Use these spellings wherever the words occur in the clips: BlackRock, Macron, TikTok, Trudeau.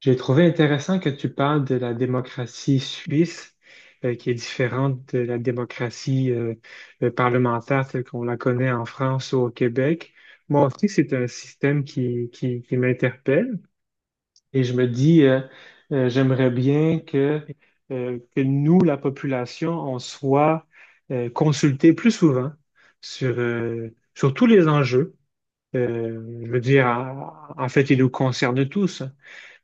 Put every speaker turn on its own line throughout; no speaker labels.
J'ai trouvé intéressant que tu parles de la démocratie suisse, qui est différente de la démocratie parlementaire telle qu'on la connaît en France ou au Québec. Moi aussi, c'est un système qui m'interpelle et je me dis, j'aimerais bien que nous, la population, on soit consultés plus souvent sur tous les enjeux. Je veux dire, en fait, ils nous concernent tous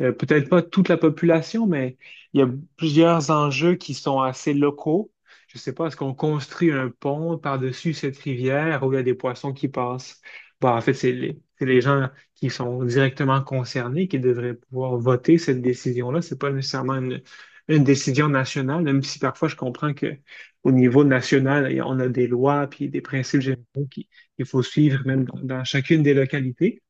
euh, peut-être pas toute la population, mais il y a plusieurs enjeux qui sont assez locaux. Je ne sais pas, est-ce qu'on construit un pont par-dessus cette rivière où il y a des poissons qui passent? Bon, en fait, c'est les gens qui sont directement concernés qui devraient pouvoir voter cette décision-là. C'est pas nécessairement une décision nationale, même si parfois je comprends que au niveau national, on a des lois puis des principes généraux qu'il faut suivre même dans chacune des localités.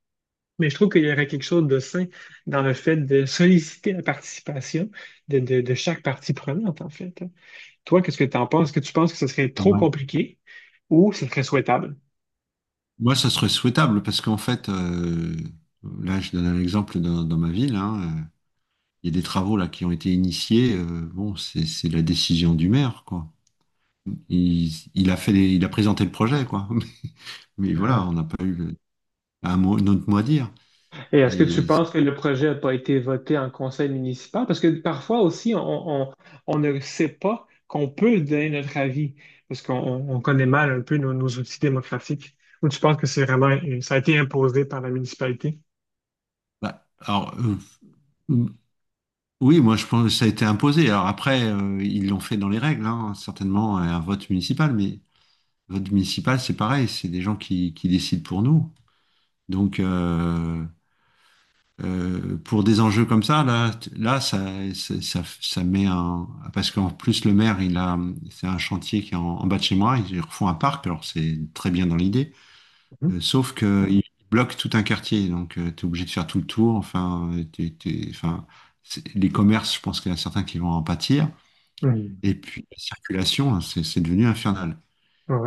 Mais je trouve qu'il y aurait quelque chose de sain dans le fait de solliciter la participation de chaque partie prenante, en fait. Toi, qu'est-ce que tu en penses? Est-ce que tu penses que ce serait
Ah
trop
ouais.
compliqué ou ce serait souhaitable?
Moi, ça serait souhaitable parce qu'en fait, là, je donne un exemple dans ma ville, hein, il y a des travaux là qui ont été initiés. Bon, c'est la décision du maire, quoi. Il a fait il a présenté le projet, quoi. Mais voilà,
Ah.
on n'a pas eu un mot, notre mot à dire.
Et est-ce que tu
Et
penses que le projet n'a pas été voté en conseil municipal? Parce que parfois aussi, on ne sait pas qu'on peut donner notre avis, parce qu'on on connaît mal un peu nos outils démocratiques. Ou tu penses que c'est vraiment, ça a été imposé par la municipalité?
bah, alors, euh, oui, moi, je pense que ça a été imposé. Alors après, ils l'ont fait dans les règles, hein, certainement, un vote municipal. Mais vote municipal, c'est pareil, c'est des gens qui décident pour nous. Donc, pour des enjeux comme ça, là, là, ça met un, parce qu'en plus le maire, il a, c'est un chantier qui est en bas de chez moi, ils refont un parc, alors c'est très bien dans l'idée,
Mhm.
sauf que il bloque tout un quartier, donc tu es obligé de faire tout le tour, enfin, enfin, les commerces, je pense qu'il y en a certains qui vont en pâtir,
Mhm.
et puis la circulation, hein, c'est devenu infernal.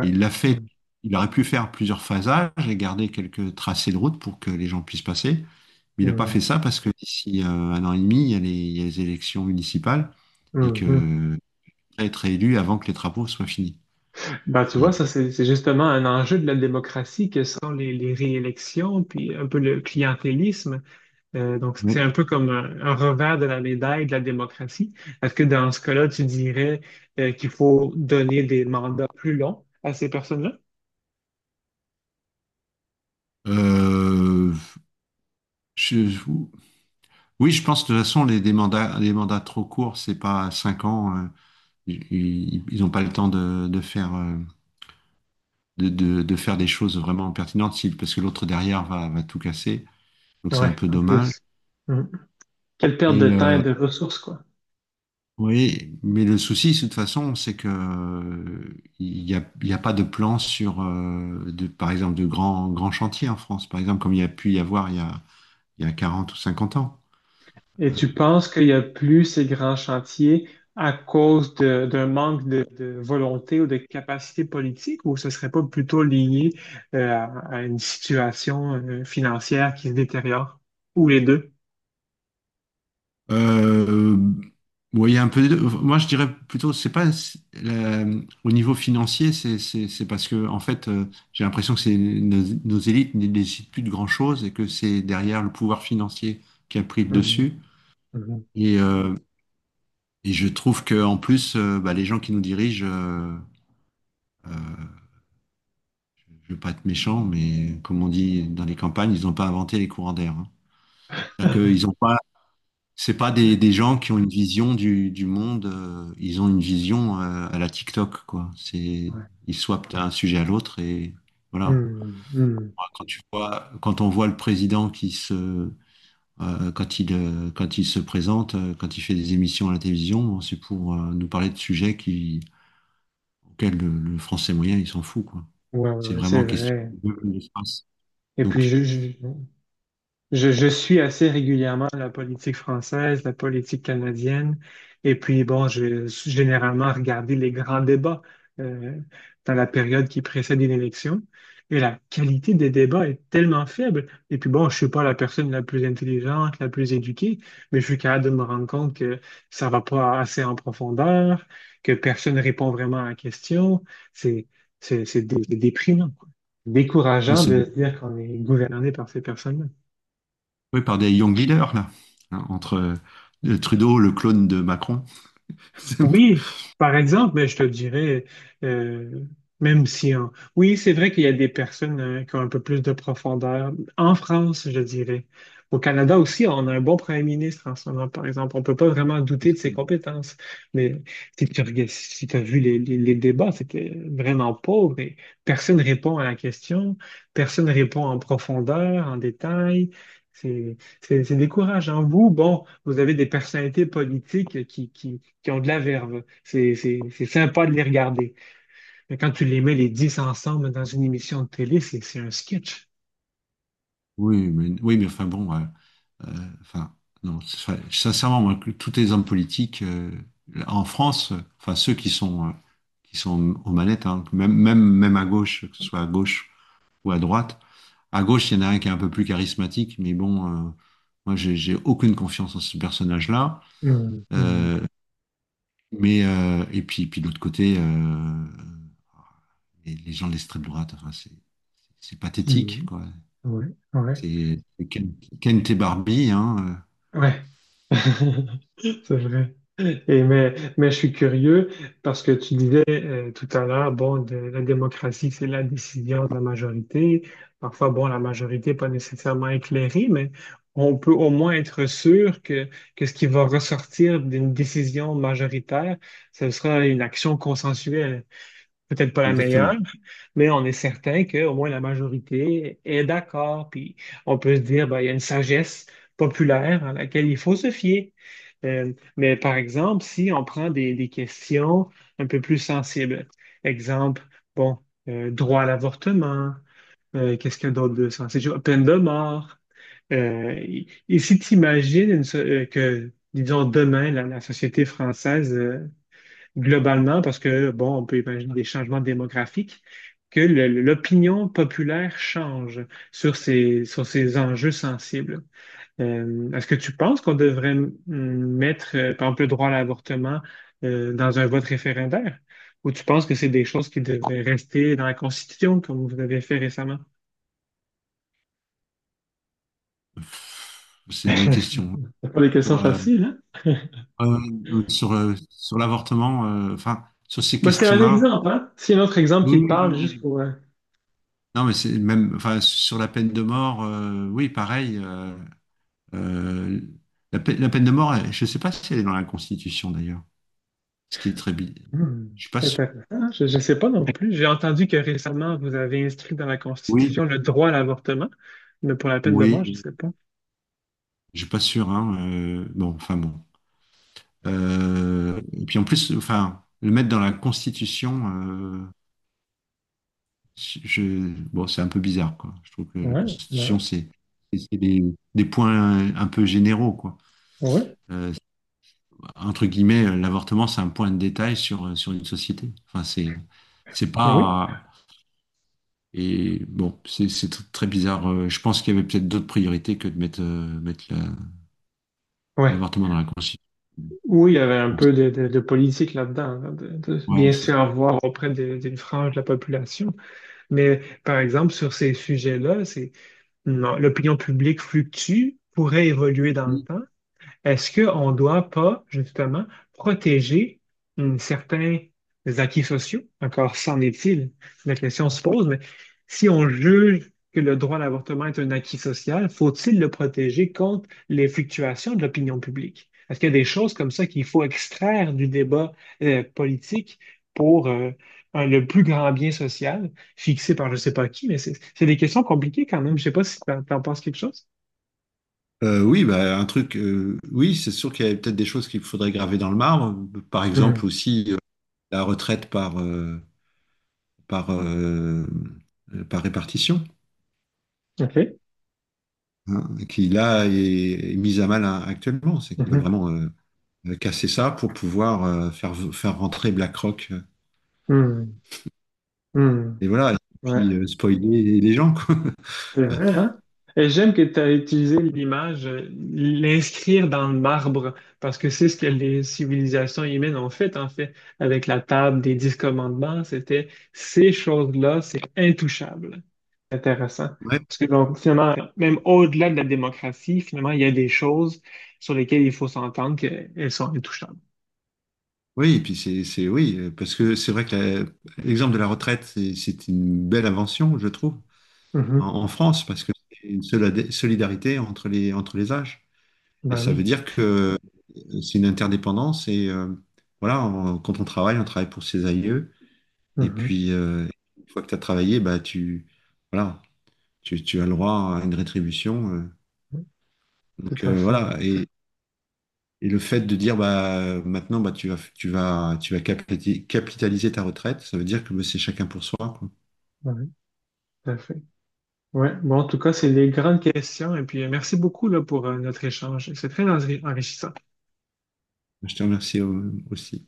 Et il l'a fait, il aurait pu faire plusieurs phasages et garder quelques tracés de route pour que les gens puissent passer. Mais il n'a pas fait
Mhm.
ça parce que d'ici un an et demi, il y a il y a les élections municipales et que
Mhm.
il pourrait être élu avant que les travaux soient finis.
Ben, tu vois,
Et
ça, c'est justement un enjeu de la démocratie que sont les réélections, puis un peu le clientélisme. Donc, c'est
bon,
un peu comme un revers de la médaille de la démocratie. Est-ce que dans ce cas-là, tu dirais qu'il faut donner des mandats plus longs à ces personnes-là?
euh, je- oui, je pense de toute façon les mandats trop courts, c'est pas cinq ans. Ils n'ont pas le temps de faire de faire des choses vraiment pertinentes parce que l'autre derrière va tout casser. Donc c'est
Ouais,
un peu
en
dommage.
plus. Mhm. Quelle perte de
Et
temps et
euh,
de ressources, quoi.
Oui, mais le souci, de toute façon, c'est que il n'y a, il y a pas de plan sur, par exemple, de grands chantiers en France, par exemple, comme il y a pu y avoir il y a 40 ou cinquante ans.
Et tu penses qu'il n'y a plus ces grands chantiers à cause d'un manque de volonté ou de capacité politique, ou ce serait pas plutôt lié euh, à, à une situation financière qui se détériore, ou les deux?
Euh, ouais, il y a un peu des deux. Moi, je dirais plutôt, c'est pas c'est- la- au niveau financier, c'est parce que, en fait, j'ai l'impression que c'est nos élites ne décident plus de grand-chose et que c'est derrière le pouvoir financier qui a pris le
Mhm,
dessus.
mhm.
Et, euh, Et je trouve que en plus, les gens qui nous dirigent, euh, je veux pas être méchant, mais comme on dit dans les campagnes, ils n'ont pas inventé les courants d'air, hein. C'est-à-dire qu'ils ont pas, c'est pas des gens qui ont une vision du monde. Ils ont une vision à la TikTok, quoi. C'est,
Ouais.
ils swappent d'un sujet à l'autre et voilà.
Hmm, hmm.
Moi, quand tu vois, quand on voit le président qui se, quand il se présente, quand il fait des émissions à la télévision, bon, c'est pour nous parler de sujets qui auquel le français moyen, il s'en fout, quoi.
Ouais, ouais,
C'est
ouais, c'est
vraiment question
vrai.
de l'espace.
Et puis,
Donc,
je suis assez régulièrement la politique française, la politique canadienne, et puis bon, je généralement regardé les grands débats euh, dans la période qui précède une élection, et la qualité des débats est tellement faible. Et puis bon, je suis pas la personne la plus intelligente, la plus éduquée, mais je suis capable de me rendre compte que ça va pas assez en profondeur, que personne répond vraiment à la question. C'est déprimant, quoi.
nous,
Décourageant
c'est
de se dire qu'on est gouverné par ces personnes-là.
découpé par des young leaders, là, hein, entre le Trudeau, le clone de Macron. C'est un peu
Oui, par exemple, mais je te dirais, euh, même si en... oui, c'est vrai qu'il y a des personnes qui ont un peu plus de profondeur. En France, je dirais. Au Canada aussi, on a un bon premier ministre en ce moment, par exemple. On peut pas vraiment douter de ses
possible.
compétences. Mais si tu as vu les débats, c'était vraiment pauvre et personne répond à la question, personne répond en profondeur, en détail. C'est, c'est décourageant. Vous, bon, vous avez des personnalités politiques qui ont de la verve. C'est sympa de les regarder. Mais quand tu les mets les 10 ensemble dans une émission de télé, c'est un sketch.
Oui, mais enfin bon, euh, enfin, non, enfin, sincèrement, moi, que tous les hommes politiques en France, enfin, ceux qui sont aux manettes, hein, même à gauche, que ce soit à gauche ou à droite. À gauche, il y en a un qui est un peu plus charismatique, mais bon, moi, j'ai aucune confiance en ce personnage-là.
Hum, hum,
Euh, mais puis de l'autre côté, les gens de l'extrême droite, enfin, c'est pathétique,
hum.
quoi.
Ouais, ouais.
C'est Ken, Ken T. Barbie, hein.
Ouais, c'est vrai. Et mais je suis curieux parce que tu disais tout à l'heure, la démocratie, c'est la décision de la majorité. Parfois, bon, la majorité n'est pas nécessairement éclairée, mais on peut au moins être sûr que ce qui va ressortir d'une décision majoritaire, ce sera une action consensuelle, peut-être pas la meilleure,
Exactement.
mais on est certain qu'au moins la majorité est d'accord. Puis on peut se dire, ben, il y a une sagesse populaire à laquelle il faut se fier. Mais par exemple, si on prend des questions un peu plus sensibles, exemple, bon, droit à l'avortement, qu'est-ce qu'il y a d'autre de sensible? Peine de mort. Et si tu imagines que, disons, demain, la société française, globalement, parce que, bon, on peut imaginer des changements démographiques, que l'opinion populaire change sur ces enjeux sensibles. Est-ce que tu penses qu'on devrait mettre, par exemple, le droit à l'avortement, dans un vote référendaire? Ou tu penses que c'est des choses qui devraient rester dans la Constitution, comme vous avez fait récemment?
C'est une bonne question.
C'est pas des
Sur,
questions
euh,
faciles, hein?
Sur l'avortement, enfin, sur ces
Ben, c'est un
questions-là.
exemple, hein? C'est un autre exemple
Oui,
qui te
oui, non,
parle, juste
mais,
pour... euh,
non, mais c'est même, enfin, sur la peine de mort, oui, pareil. Euh, la, la peine de mort, je ne sais pas si elle est dans la Constitution d'ailleurs, ce qui est
Hmm.
Je suis pas sûr.
Intéressant. Je ne sais pas non plus. J'ai entendu que récemment, vous avez inscrit dans la
Oui,
Constitution le droit à l'avortement, mais pour la peine de mort, je ne
oui,
sais pas.
je suis pas sûr, hein. Bon, enfin bon. Et puis en plus, enfin, le mettre dans la Constitution, bon, c'est un peu bizarre, quoi. Je trouve que la
Ouais, ouais,
Constitution, c'est des points un peu généraux, quoi.
ouais,
Euh, Entre guillemets, l'avortement, c'est un point de détail sur une société. Enfin, c'est
oui.
pas. Et bon, très bizarre. Je pense qu'il y avait peut-être d'autres priorités que de mettre,
Ouais.
l'avortement dans la Constitution.
Oui, il y avait un peu de politique là-dedans, hein, de
Ouais,
bien se
c'est-
faire voir auprès d'une frange de la population. Mais par exemple, sur ces sujets-là, c'est non, l'opinion publique fluctue, pourrait évoluer dans le temps. Est-ce qu'on ne doit pas, justement, protéger, certains acquis sociaux? Encore s'en est-il, la question se pose, mais si on juge que le droit à l'avortement est un acquis social, faut-il le protéger contre les fluctuations de l'opinion publique? Est-ce qu'il y a des choses comme ça qu'il faut extraire du débat politique pour le plus grand bien social fixé par je ne sais pas qui, mais c'est des questions compliquées quand même. Je ne sais pas si tu en penses quelque chose.
Oui, bah, un truc, oui, c'est sûr qu'il y avait peut-être des choses qu'il faudrait graver dans le marbre. Par exemple
Mhm.
aussi la retraite par, euh, par répartition,
OK.
hein, qui là est mise à mal, hein, actuellement. C'est qu'ils veulent
Mhm.
vraiment casser ça pour pouvoir faire rentrer BlackRock.
Mhm. Hmm,
Et voilà, et
ouais,
puis spoiler les gens, quoi.
c'est vrai, hein? Et j'aime que tu as utilisé l'image, l'inscrire dans le marbre, parce que c'est ce que les civilisations humaines ont fait, en fait, avec la table des dix commandements, c'était ces choses-là, c'est intouchable. Intéressant.
Ouais,
Parce que donc, finalement, même au-delà de la démocratie, finalement, il y a des choses sur lesquelles il faut s'entendre qu'elles sont intouchables.
oui, et puis oui, parce que c'est vrai que l'exemple de la retraite, c'est une belle invention, je trouve,
Mhm.
en France, parce que c'est une solidarité entre entre les âges. Et
Ben
ça veut
oui.
dire que c'est une interdépendance, et voilà, quand on travaille pour ses aïeux, et
Mhm.
puis une fois que tu as travaillé, bah, voilà, tu as le droit à une rétribution.
Tout à fait.
Voilà. Et le fait de dire bah maintenant bah tu vas capitaliser ta retraite, ça veut dire que bah, c'est chacun pour soi, quoi.
Ben oui, tout à fait. Ouais, bon, en tout cas, c'est les grandes questions. Et puis, merci beaucoup là, pour notre échange. C'est très enrichissant.
Je te remercie, aussi.